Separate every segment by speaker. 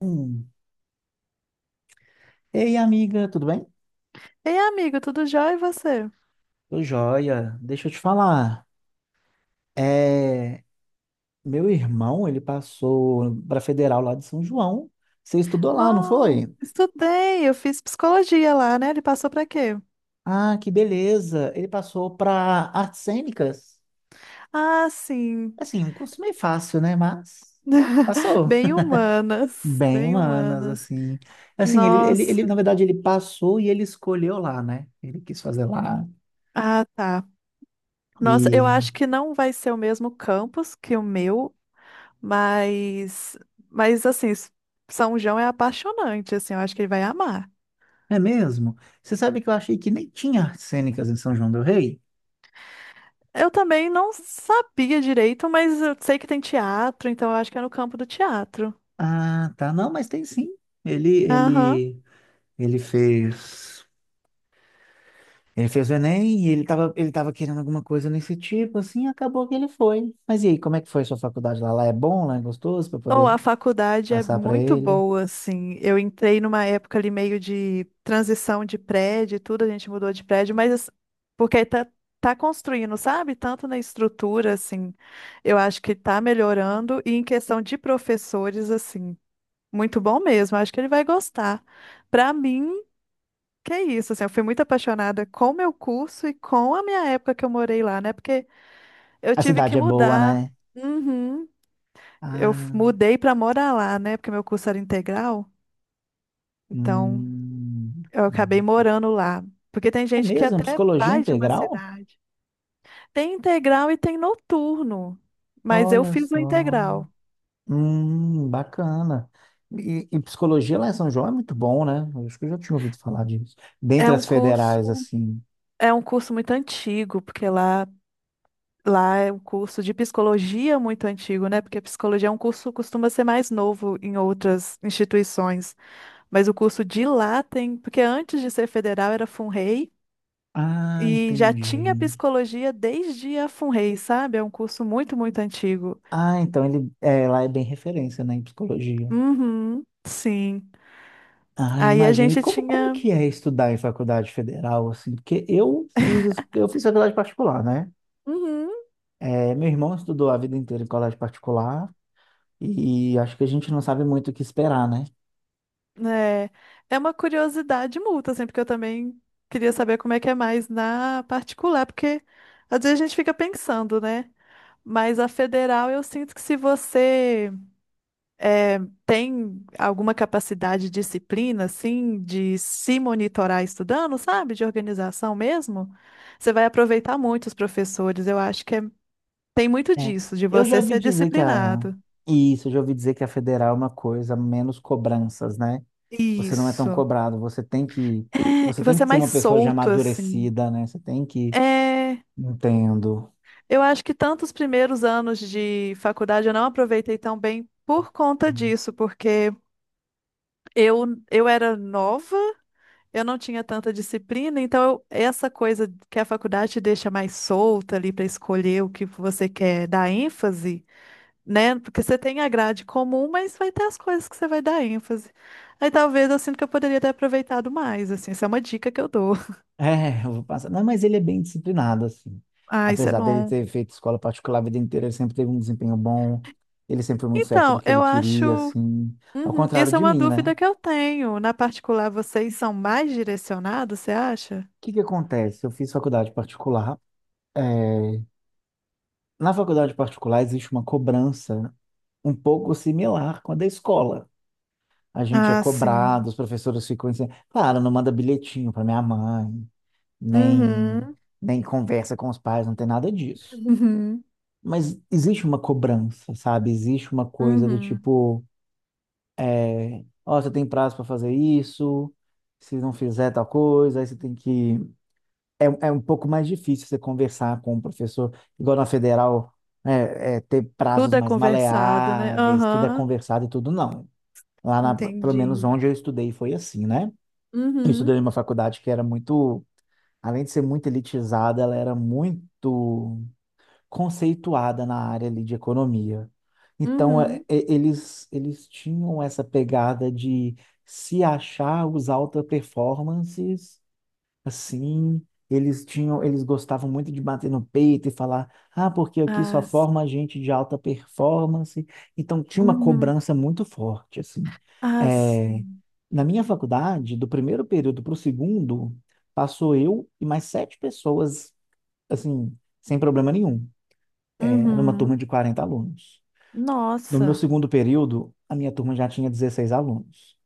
Speaker 1: Hum. Ei, amiga, tudo bem?
Speaker 2: Ei, amigo, tudo jóia e você?
Speaker 1: Tô joia. Deixa eu te falar. É, meu irmão, ele passou para Federal lá de São João. Você estudou lá, não
Speaker 2: Não,
Speaker 1: foi?
Speaker 2: estudei, eu fiz psicologia lá, né? Ele passou pra quê?
Speaker 1: Ah, que beleza. Ele passou para Artes Cênicas.
Speaker 2: Ah, sim.
Speaker 1: Assim, um curso meio fácil, né? Mas passou
Speaker 2: Bem humanas,
Speaker 1: bem
Speaker 2: bem
Speaker 1: humanas,
Speaker 2: humanas.
Speaker 1: assim. Assim, ele, na
Speaker 2: Nossa.
Speaker 1: verdade, ele passou e ele escolheu lá, né? Ele quis fazer lá.
Speaker 2: Ah, tá. Nossa, eu
Speaker 1: E
Speaker 2: acho que não vai ser o mesmo campus que o meu, mas mas assim, São João é apaixonante, assim, eu acho que ele vai amar.
Speaker 1: é mesmo. Você sabe que eu achei que nem tinha artes cênicas em São João del Rei?
Speaker 2: Eu também não sabia direito, mas eu sei que tem teatro, então eu acho que é no campo do teatro.
Speaker 1: Ah, tá. Não, mas tem sim. Ele,
Speaker 2: Aham.
Speaker 1: ele, ele fez, ele fez o Enem e ele tava querendo alguma coisa nesse tipo, assim, acabou que ele foi. Mas e aí, como é que foi a sua faculdade lá? Lá é bom, lá é gostoso para
Speaker 2: Oh,
Speaker 1: poder
Speaker 2: a faculdade é
Speaker 1: passar para
Speaker 2: muito
Speaker 1: ele?
Speaker 2: boa, assim. Eu entrei numa época ali meio de transição de prédio e tudo, a gente mudou de prédio, mas assim, porque tá construindo, sabe? Tanto na estrutura, assim, eu acho que tá melhorando, e em questão de professores, assim, muito bom mesmo. Acho que ele vai gostar. Pra mim, que é isso, assim, eu fui muito apaixonada com o meu curso e com a minha época que eu morei lá, né? Porque eu
Speaker 1: A
Speaker 2: tive que
Speaker 1: cidade é boa,
Speaker 2: mudar.
Speaker 1: né?
Speaker 2: Uhum. Eu
Speaker 1: Ah,
Speaker 2: mudei para morar lá, né? Porque meu curso era integral, então eu acabei
Speaker 1: nossa.
Speaker 2: morando lá. Porque tem
Speaker 1: É
Speaker 2: gente que
Speaker 1: mesmo?
Speaker 2: até
Speaker 1: Psicologia
Speaker 2: vai de uma
Speaker 1: integral?
Speaker 2: cidade. Tem integral e tem noturno, mas eu
Speaker 1: Olha
Speaker 2: fiz o
Speaker 1: só.
Speaker 2: integral.
Speaker 1: Bacana. E psicologia lá em São João é muito bom, né? Eu acho que eu já tinha ouvido falar disso.
Speaker 2: É
Speaker 1: Dentre
Speaker 2: um
Speaker 1: as
Speaker 2: curso,
Speaker 1: federais, assim.
Speaker 2: é um curso muito antigo, porque lá é um curso de psicologia muito antigo, né? Porque psicologia é um curso que costuma ser mais novo em outras instituições, mas o curso de lá tem, porque antes de ser federal era FUNREI.
Speaker 1: Ah,
Speaker 2: E já tinha
Speaker 1: entendi.
Speaker 2: psicologia desde a FUNREI, sabe? É um curso muito, muito antigo.
Speaker 1: Ah, então ele é, lá é bem referência, né, em psicologia.
Speaker 2: Uhum, sim.
Speaker 1: Ah,
Speaker 2: Aí a
Speaker 1: imagina. E
Speaker 2: gente
Speaker 1: como
Speaker 2: tinha.
Speaker 1: que é estudar em faculdade federal, assim? Porque eu fiz faculdade particular, né?
Speaker 2: Uhum,
Speaker 1: É, meu irmão estudou a vida inteira em colégio particular e acho que a gente não sabe muito o que esperar, né?
Speaker 2: né? É uma curiosidade mútua, assim, porque eu também queria saber como é que é mais na particular, porque às vezes a gente fica pensando, né? Mas a federal, eu sinto que se você é, tem alguma capacidade, disciplina, assim, de se monitorar estudando, sabe? De organização mesmo? Você vai aproveitar muito os professores. Eu acho que é- tem muito
Speaker 1: É,
Speaker 2: disso, de
Speaker 1: eu já
Speaker 2: você
Speaker 1: ouvi
Speaker 2: ser
Speaker 1: dizer que a.
Speaker 2: disciplinado.
Speaker 1: Isso, eu já ouvi dizer que a federal é uma coisa, menos cobranças, né? Você não é tão
Speaker 2: Isso.
Speaker 1: cobrado, você tem que.
Speaker 2: É,
Speaker 1: Você
Speaker 2: e
Speaker 1: tem
Speaker 2: você
Speaker 1: que
Speaker 2: é
Speaker 1: ser
Speaker 2: mais
Speaker 1: uma pessoa já
Speaker 2: solto, assim.
Speaker 1: amadurecida, né? Você tem que.
Speaker 2: É,
Speaker 1: Entendo.
Speaker 2: eu acho que tanto os primeiros anos de faculdade eu não aproveitei tão bem por conta disso, porque eu era nova. Eu não tinha tanta disciplina, essa coisa que a faculdade te deixa mais solta ali para escolher o que você quer dar ênfase, né? Porque você tem a grade comum, mas vai ter as coisas que você vai dar ênfase. Aí talvez eu sinto que eu poderia ter aproveitado mais, assim, essa é uma dica que eu dou.
Speaker 1: É, eu vou passar. Não, mas ele é bem disciplinado, assim.
Speaker 2: Ah, isso é
Speaker 1: Apesar dele
Speaker 2: bom.
Speaker 1: ter feito escola particular a vida inteira, ele sempre teve um desempenho bom, ele sempre foi muito certo
Speaker 2: Então,
Speaker 1: do que ele
Speaker 2: eu acho.
Speaker 1: queria, assim. Ao
Speaker 2: Uhum,
Speaker 1: contrário
Speaker 2: isso é
Speaker 1: de
Speaker 2: uma
Speaker 1: mim, né? O
Speaker 2: dúvida que eu tenho. Na particular, vocês são mais direcionados, você acha?
Speaker 1: que que acontece? Eu fiz faculdade particular. é, Na faculdade particular existe uma cobrança um pouco similar com a da escola. A gente é
Speaker 2: Ah, sim.
Speaker 1: cobrado, os professores ficam assim, claro, não manda bilhetinho para minha mãe, nem,
Speaker 2: Uhum.
Speaker 1: nem conversa com os pais, não tem nada disso.
Speaker 2: Uhum.
Speaker 1: Mas existe uma cobrança, sabe? Existe uma coisa do
Speaker 2: Uhum.
Speaker 1: tipo, ó, você tem prazo para fazer isso, se não fizer tal coisa, aí você tem que é um pouco mais difícil você conversar com o professor, igual na federal, ter prazos
Speaker 2: Tudo é
Speaker 1: mais
Speaker 2: conversado, né?
Speaker 1: maleáveis, tudo é
Speaker 2: Aham.
Speaker 1: conversado e tudo não. Pelo menos
Speaker 2: Entendi.
Speaker 1: onde eu estudei foi assim, né? Eu estudei
Speaker 2: Uhum.
Speaker 1: numa faculdade que era muito, além de ser muito elitizada, ela era muito conceituada na área ali de economia. Então, é,
Speaker 2: Uhum.
Speaker 1: é, eles, eles tinham essa pegada de se achar os alta performances. Assim, eles tinham, eles gostavam muito de bater no peito e falar, ah, porque aqui só
Speaker 2: As.
Speaker 1: forma gente de alta performance. Então tinha uma
Speaker 2: Uhum.
Speaker 1: cobrança muito forte, assim.
Speaker 2: As.
Speaker 1: É, na minha faculdade, do primeiro período para o segundo, passou eu e mais sete pessoas, assim, sem problema nenhum. É, numa turma
Speaker 2: Uhum.
Speaker 1: de 40 alunos. No meu
Speaker 2: Nossa.
Speaker 1: segundo período, a minha turma já tinha 16 alunos.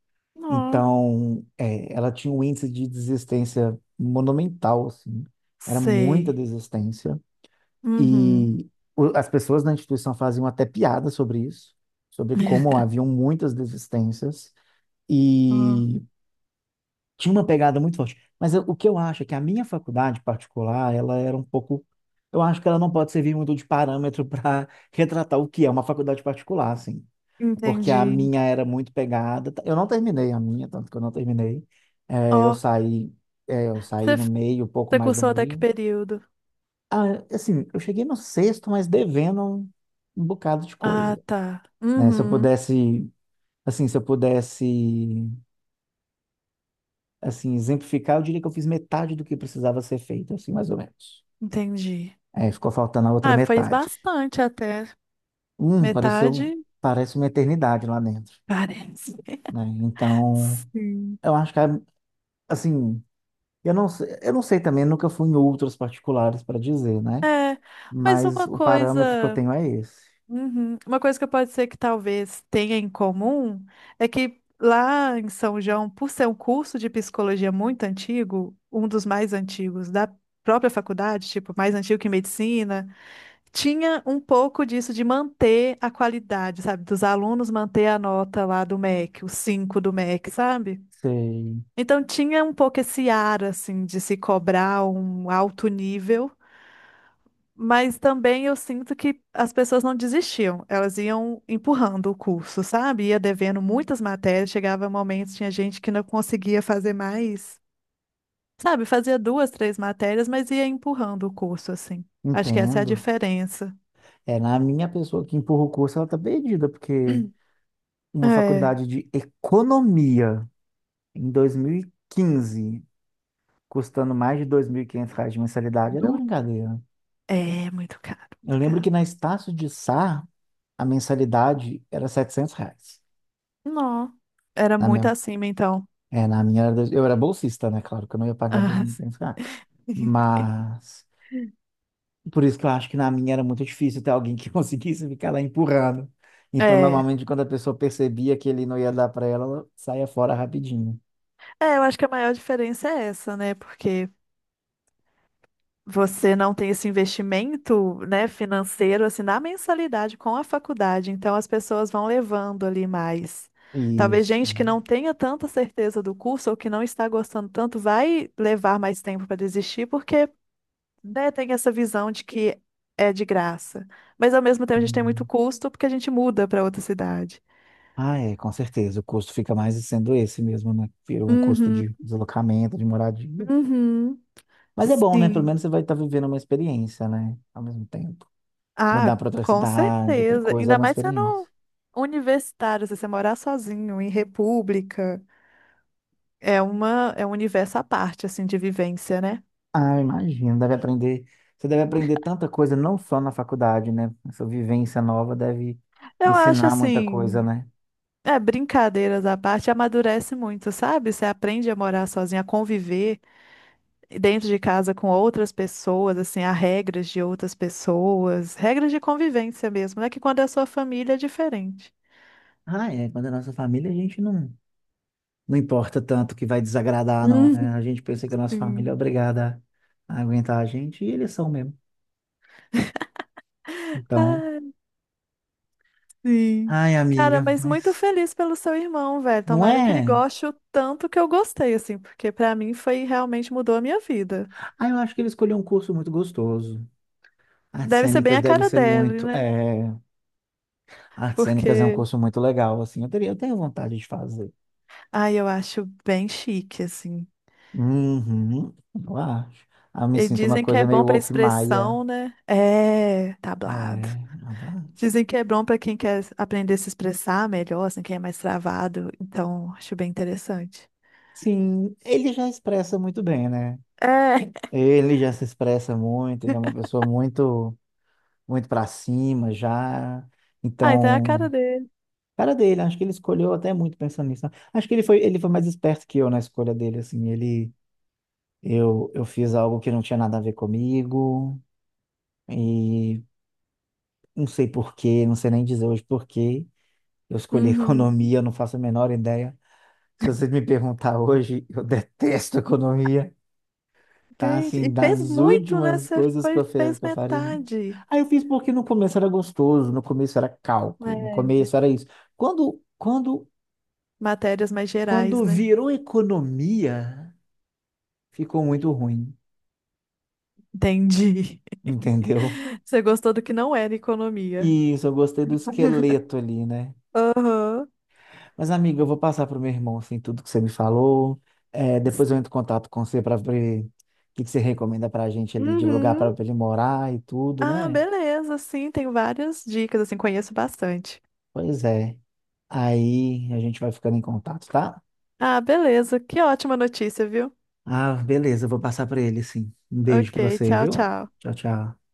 Speaker 2: Ó.
Speaker 1: Então, ela tinha um índice de desistência monumental, assim. Era muita
Speaker 2: Sei.
Speaker 1: desistência.
Speaker 2: Uhum.
Speaker 1: E as pessoas na instituição faziam até piada sobre isso, sobre como haviam muitas desistências.
Speaker 2: Ó.
Speaker 1: E tinha uma pegada muito forte. Mas o que eu acho é que a minha faculdade particular, ela era um pouco. Eu acho que ela não pode servir muito de parâmetro para retratar o que é uma faculdade particular, assim porque a
Speaker 2: Entendi.
Speaker 1: minha era muito pegada. Eu não terminei a minha, tanto que eu não terminei. É, eu
Speaker 2: Ó.
Speaker 1: saí, eu saí
Speaker 2: Você
Speaker 1: no meio, um pouco
Speaker 2: você
Speaker 1: mais do
Speaker 2: cursou até que
Speaker 1: meio.
Speaker 2: período?
Speaker 1: Ah, assim, eu cheguei no sexto, mas devendo um bocado de
Speaker 2: Ah,
Speaker 1: coisa,
Speaker 2: tá.
Speaker 1: né?
Speaker 2: Uhum.
Speaker 1: Se eu pudesse, assim, exemplificar, eu diria que eu fiz metade do que precisava ser feito, assim, mais ou menos.
Speaker 2: Entendi.
Speaker 1: É, ficou faltando a outra
Speaker 2: Ah, fez
Speaker 1: metade.
Speaker 2: bastante até.
Speaker 1: Hum, pareceu,
Speaker 2: Metade?
Speaker 1: parece uma eternidade lá dentro,
Speaker 2: Parece.
Speaker 1: né? Então,
Speaker 2: Sim.
Speaker 1: eu acho que, é, assim, eu não sei, também, nunca fui em outros particulares para dizer, né?
Speaker 2: Mas
Speaker 1: Mas
Speaker 2: uma
Speaker 1: o parâmetro que eu
Speaker 2: coisa.
Speaker 1: tenho é esse.
Speaker 2: Uhum. Uma coisa que pode ser que talvez tenha em comum é que lá em São João, por ser um curso de psicologia muito antigo, um dos mais antigos da própria faculdade, tipo, mais antigo que medicina, tinha um pouco disso de manter a qualidade, sabe? Dos alunos manter a nota lá do MEC, o 5 do MEC, sabe?
Speaker 1: Sei,
Speaker 2: Então tinha um pouco esse ar, assim, de se cobrar um alto nível, mas também eu sinto que as pessoas não desistiam, elas iam empurrando o curso, sabe? Ia devendo muitas matérias, chegava momentos, tinha gente que não conseguia fazer mais, sabe? Fazia duas, três matérias, mas ia empurrando o curso, assim. Acho que essa é a
Speaker 1: entendo.
Speaker 2: diferença.
Speaker 1: É, na minha pessoa que empurra o curso, ela tá perdida, porque uma
Speaker 2: É,
Speaker 1: faculdade de economia em 2015, custando mais de R$ 2.500 de mensalidade, era
Speaker 2: Nu.
Speaker 1: brincadeira.
Speaker 2: É muito caro,
Speaker 1: Eu
Speaker 2: muito
Speaker 1: lembro
Speaker 2: caro.
Speaker 1: que na Estácio de Sá, a mensalidade era R$ 700.
Speaker 2: Não, era
Speaker 1: Na
Speaker 2: muito
Speaker 1: minha,
Speaker 2: acima, então.
Speaker 1: na minha era eu era bolsista, né? Claro que eu não ia pagar
Speaker 2: Ah,
Speaker 1: R$ 2.500.
Speaker 2: sim.
Speaker 1: Mas por isso que eu acho que na minha era muito difícil ter alguém que conseguisse ficar lá empurrando. Então,
Speaker 2: É,
Speaker 1: normalmente, quando a pessoa percebia que ele não ia dar para ela, ela saía fora rapidinho.
Speaker 2: eu acho que a maior diferença é essa, né? Porque você não tem esse investimento, né, financeiro assim na mensalidade com a faculdade, então as pessoas vão levando ali mais. Talvez
Speaker 1: Isso.
Speaker 2: gente que não tenha tanta certeza do curso ou que não está gostando tanto vai levar mais tempo para desistir porque, né, tem essa visão de que é de graça. Mas ao mesmo tempo a gente tem muito
Speaker 1: Uhum.
Speaker 2: custo porque a gente muda para outra cidade.
Speaker 1: Ah, é, com certeza. O custo fica mais sendo esse mesmo, né? Virou um custo
Speaker 2: Uhum,
Speaker 1: de deslocamento, de moradia.
Speaker 2: uhum,
Speaker 1: Mas é bom, né? Pelo
Speaker 2: sim.
Speaker 1: menos você vai estar vivendo uma experiência, né? Ao mesmo tempo.
Speaker 2: Ah,
Speaker 1: Mudar para outra
Speaker 2: com
Speaker 1: cidade, outra
Speaker 2: certeza.
Speaker 1: coisa, é
Speaker 2: Ainda
Speaker 1: uma
Speaker 2: mais
Speaker 1: experiência.
Speaker 2: sendo universitário, se você morar sozinho em república, é uma é um universo à parte assim de vivência, né?
Speaker 1: Ah, eu imagino, deve aprender. Você deve aprender tanta coisa, não só na faculdade, né? Essa vivência nova deve
Speaker 2: Eu acho
Speaker 1: ensinar muita
Speaker 2: assim,
Speaker 1: coisa, né?
Speaker 2: é brincadeiras à parte, amadurece muito, sabe? Você aprende a morar sozinho, a conviver dentro de casa com outras pessoas, assim, há regras de outras pessoas, regras de convivência mesmo, né? Que quando é a sua família é diferente.
Speaker 1: Ah, é. Quando é nossa família, a gente não, não importa tanto que vai desagradar, não. né?
Speaker 2: Uhum.
Speaker 1: A gente pensa que a nossa família
Speaker 2: Sim.
Speaker 1: é obrigada a aguentar a gente, e eles são mesmo. Então,
Speaker 2: Ah, sim.
Speaker 1: ai,
Speaker 2: Cara,
Speaker 1: amiga,
Speaker 2: mas muito
Speaker 1: mas
Speaker 2: feliz pelo seu irmão, velho.
Speaker 1: não
Speaker 2: Tomara que ele
Speaker 1: é.
Speaker 2: goste o tanto que eu gostei, assim, porque pra mim foi realmente mudou a minha vida.
Speaker 1: Ah, eu acho que ele escolheu um curso muito gostoso. Artes
Speaker 2: Deve ser bem
Speaker 1: cênicas
Speaker 2: a
Speaker 1: deve
Speaker 2: cara
Speaker 1: ser
Speaker 2: dele,
Speaker 1: muito.
Speaker 2: né?
Speaker 1: É... Artes cênicas é um
Speaker 2: Porque,
Speaker 1: curso muito legal, assim. Eu tenho vontade de fazer.
Speaker 2: ai, eu acho bem chique, assim.
Speaker 1: Uhum, eu acho. Ah, eu me
Speaker 2: E
Speaker 1: sinto uma
Speaker 2: dizem que é
Speaker 1: coisa
Speaker 2: bom
Speaker 1: meio
Speaker 2: pra
Speaker 1: Wolf Maia.
Speaker 2: expressão, né? É,
Speaker 1: É,
Speaker 2: tablado.
Speaker 1: abla-
Speaker 2: Dizem que é bom pra quem quer aprender a se expressar melhor, assim, quem é mais travado. Então, acho bem interessante.
Speaker 1: sim, ele já expressa muito bem, né?
Speaker 2: É.
Speaker 1: Ele já se expressa muito, ele é uma pessoa muito para cima já.
Speaker 2: Ah, então é a cara
Speaker 1: Então,
Speaker 2: dele.
Speaker 1: cara dele, acho que ele escolheu até muito pensando nisso. Né? Acho que ele foi mais esperto que eu na escolha dele, assim, ele, eu fiz algo que não tinha nada a ver comigo e não sei por quê, não sei nem dizer hoje por quê. Eu escolhi
Speaker 2: Uhum.
Speaker 1: economia, eu não faço a menor ideia. Se você me perguntar hoje, eu detesto economia. Tá,
Speaker 2: Gente,
Speaker 1: assim,
Speaker 2: e fez
Speaker 1: das
Speaker 2: muito, né?
Speaker 1: últimas
Speaker 2: Você
Speaker 1: coisas
Speaker 2: foi, fez
Speaker 1: que eu faria.
Speaker 2: metade,
Speaker 1: Aí eu fiz porque no começo era gostoso, no começo era cálculo, no
Speaker 2: né?
Speaker 1: começo era isso. Quando, quando,
Speaker 2: Matérias mais gerais,
Speaker 1: quando
Speaker 2: né?
Speaker 1: virou economia, ficou muito ruim,
Speaker 2: Entendi.
Speaker 1: entendeu?
Speaker 2: Você gostou do que não era economia.
Speaker 1: Isso, eu gostei do esqueleto ali, né?
Speaker 2: Aham.
Speaker 1: Mas, amiga, eu vou passar pro meu irmão, assim, tudo que você me falou. É, depois eu entro em contato com você para ver o que que você recomenda pra gente ali de lugar para
Speaker 2: Uhum.
Speaker 1: ele morar e tudo,
Speaker 2: Ah,
Speaker 1: né?
Speaker 2: beleza. Sim, tem várias dicas, assim, conheço bastante.
Speaker 1: Pois é. Aí a gente vai ficando em contato, tá?
Speaker 2: Ah, beleza. Que ótima notícia, viu?
Speaker 1: Ah, beleza, eu vou passar pra ele, sim. Um beijo pra
Speaker 2: Ok,
Speaker 1: você,
Speaker 2: tchau,
Speaker 1: viu?
Speaker 2: tchau.
Speaker 1: Tchau, tchau.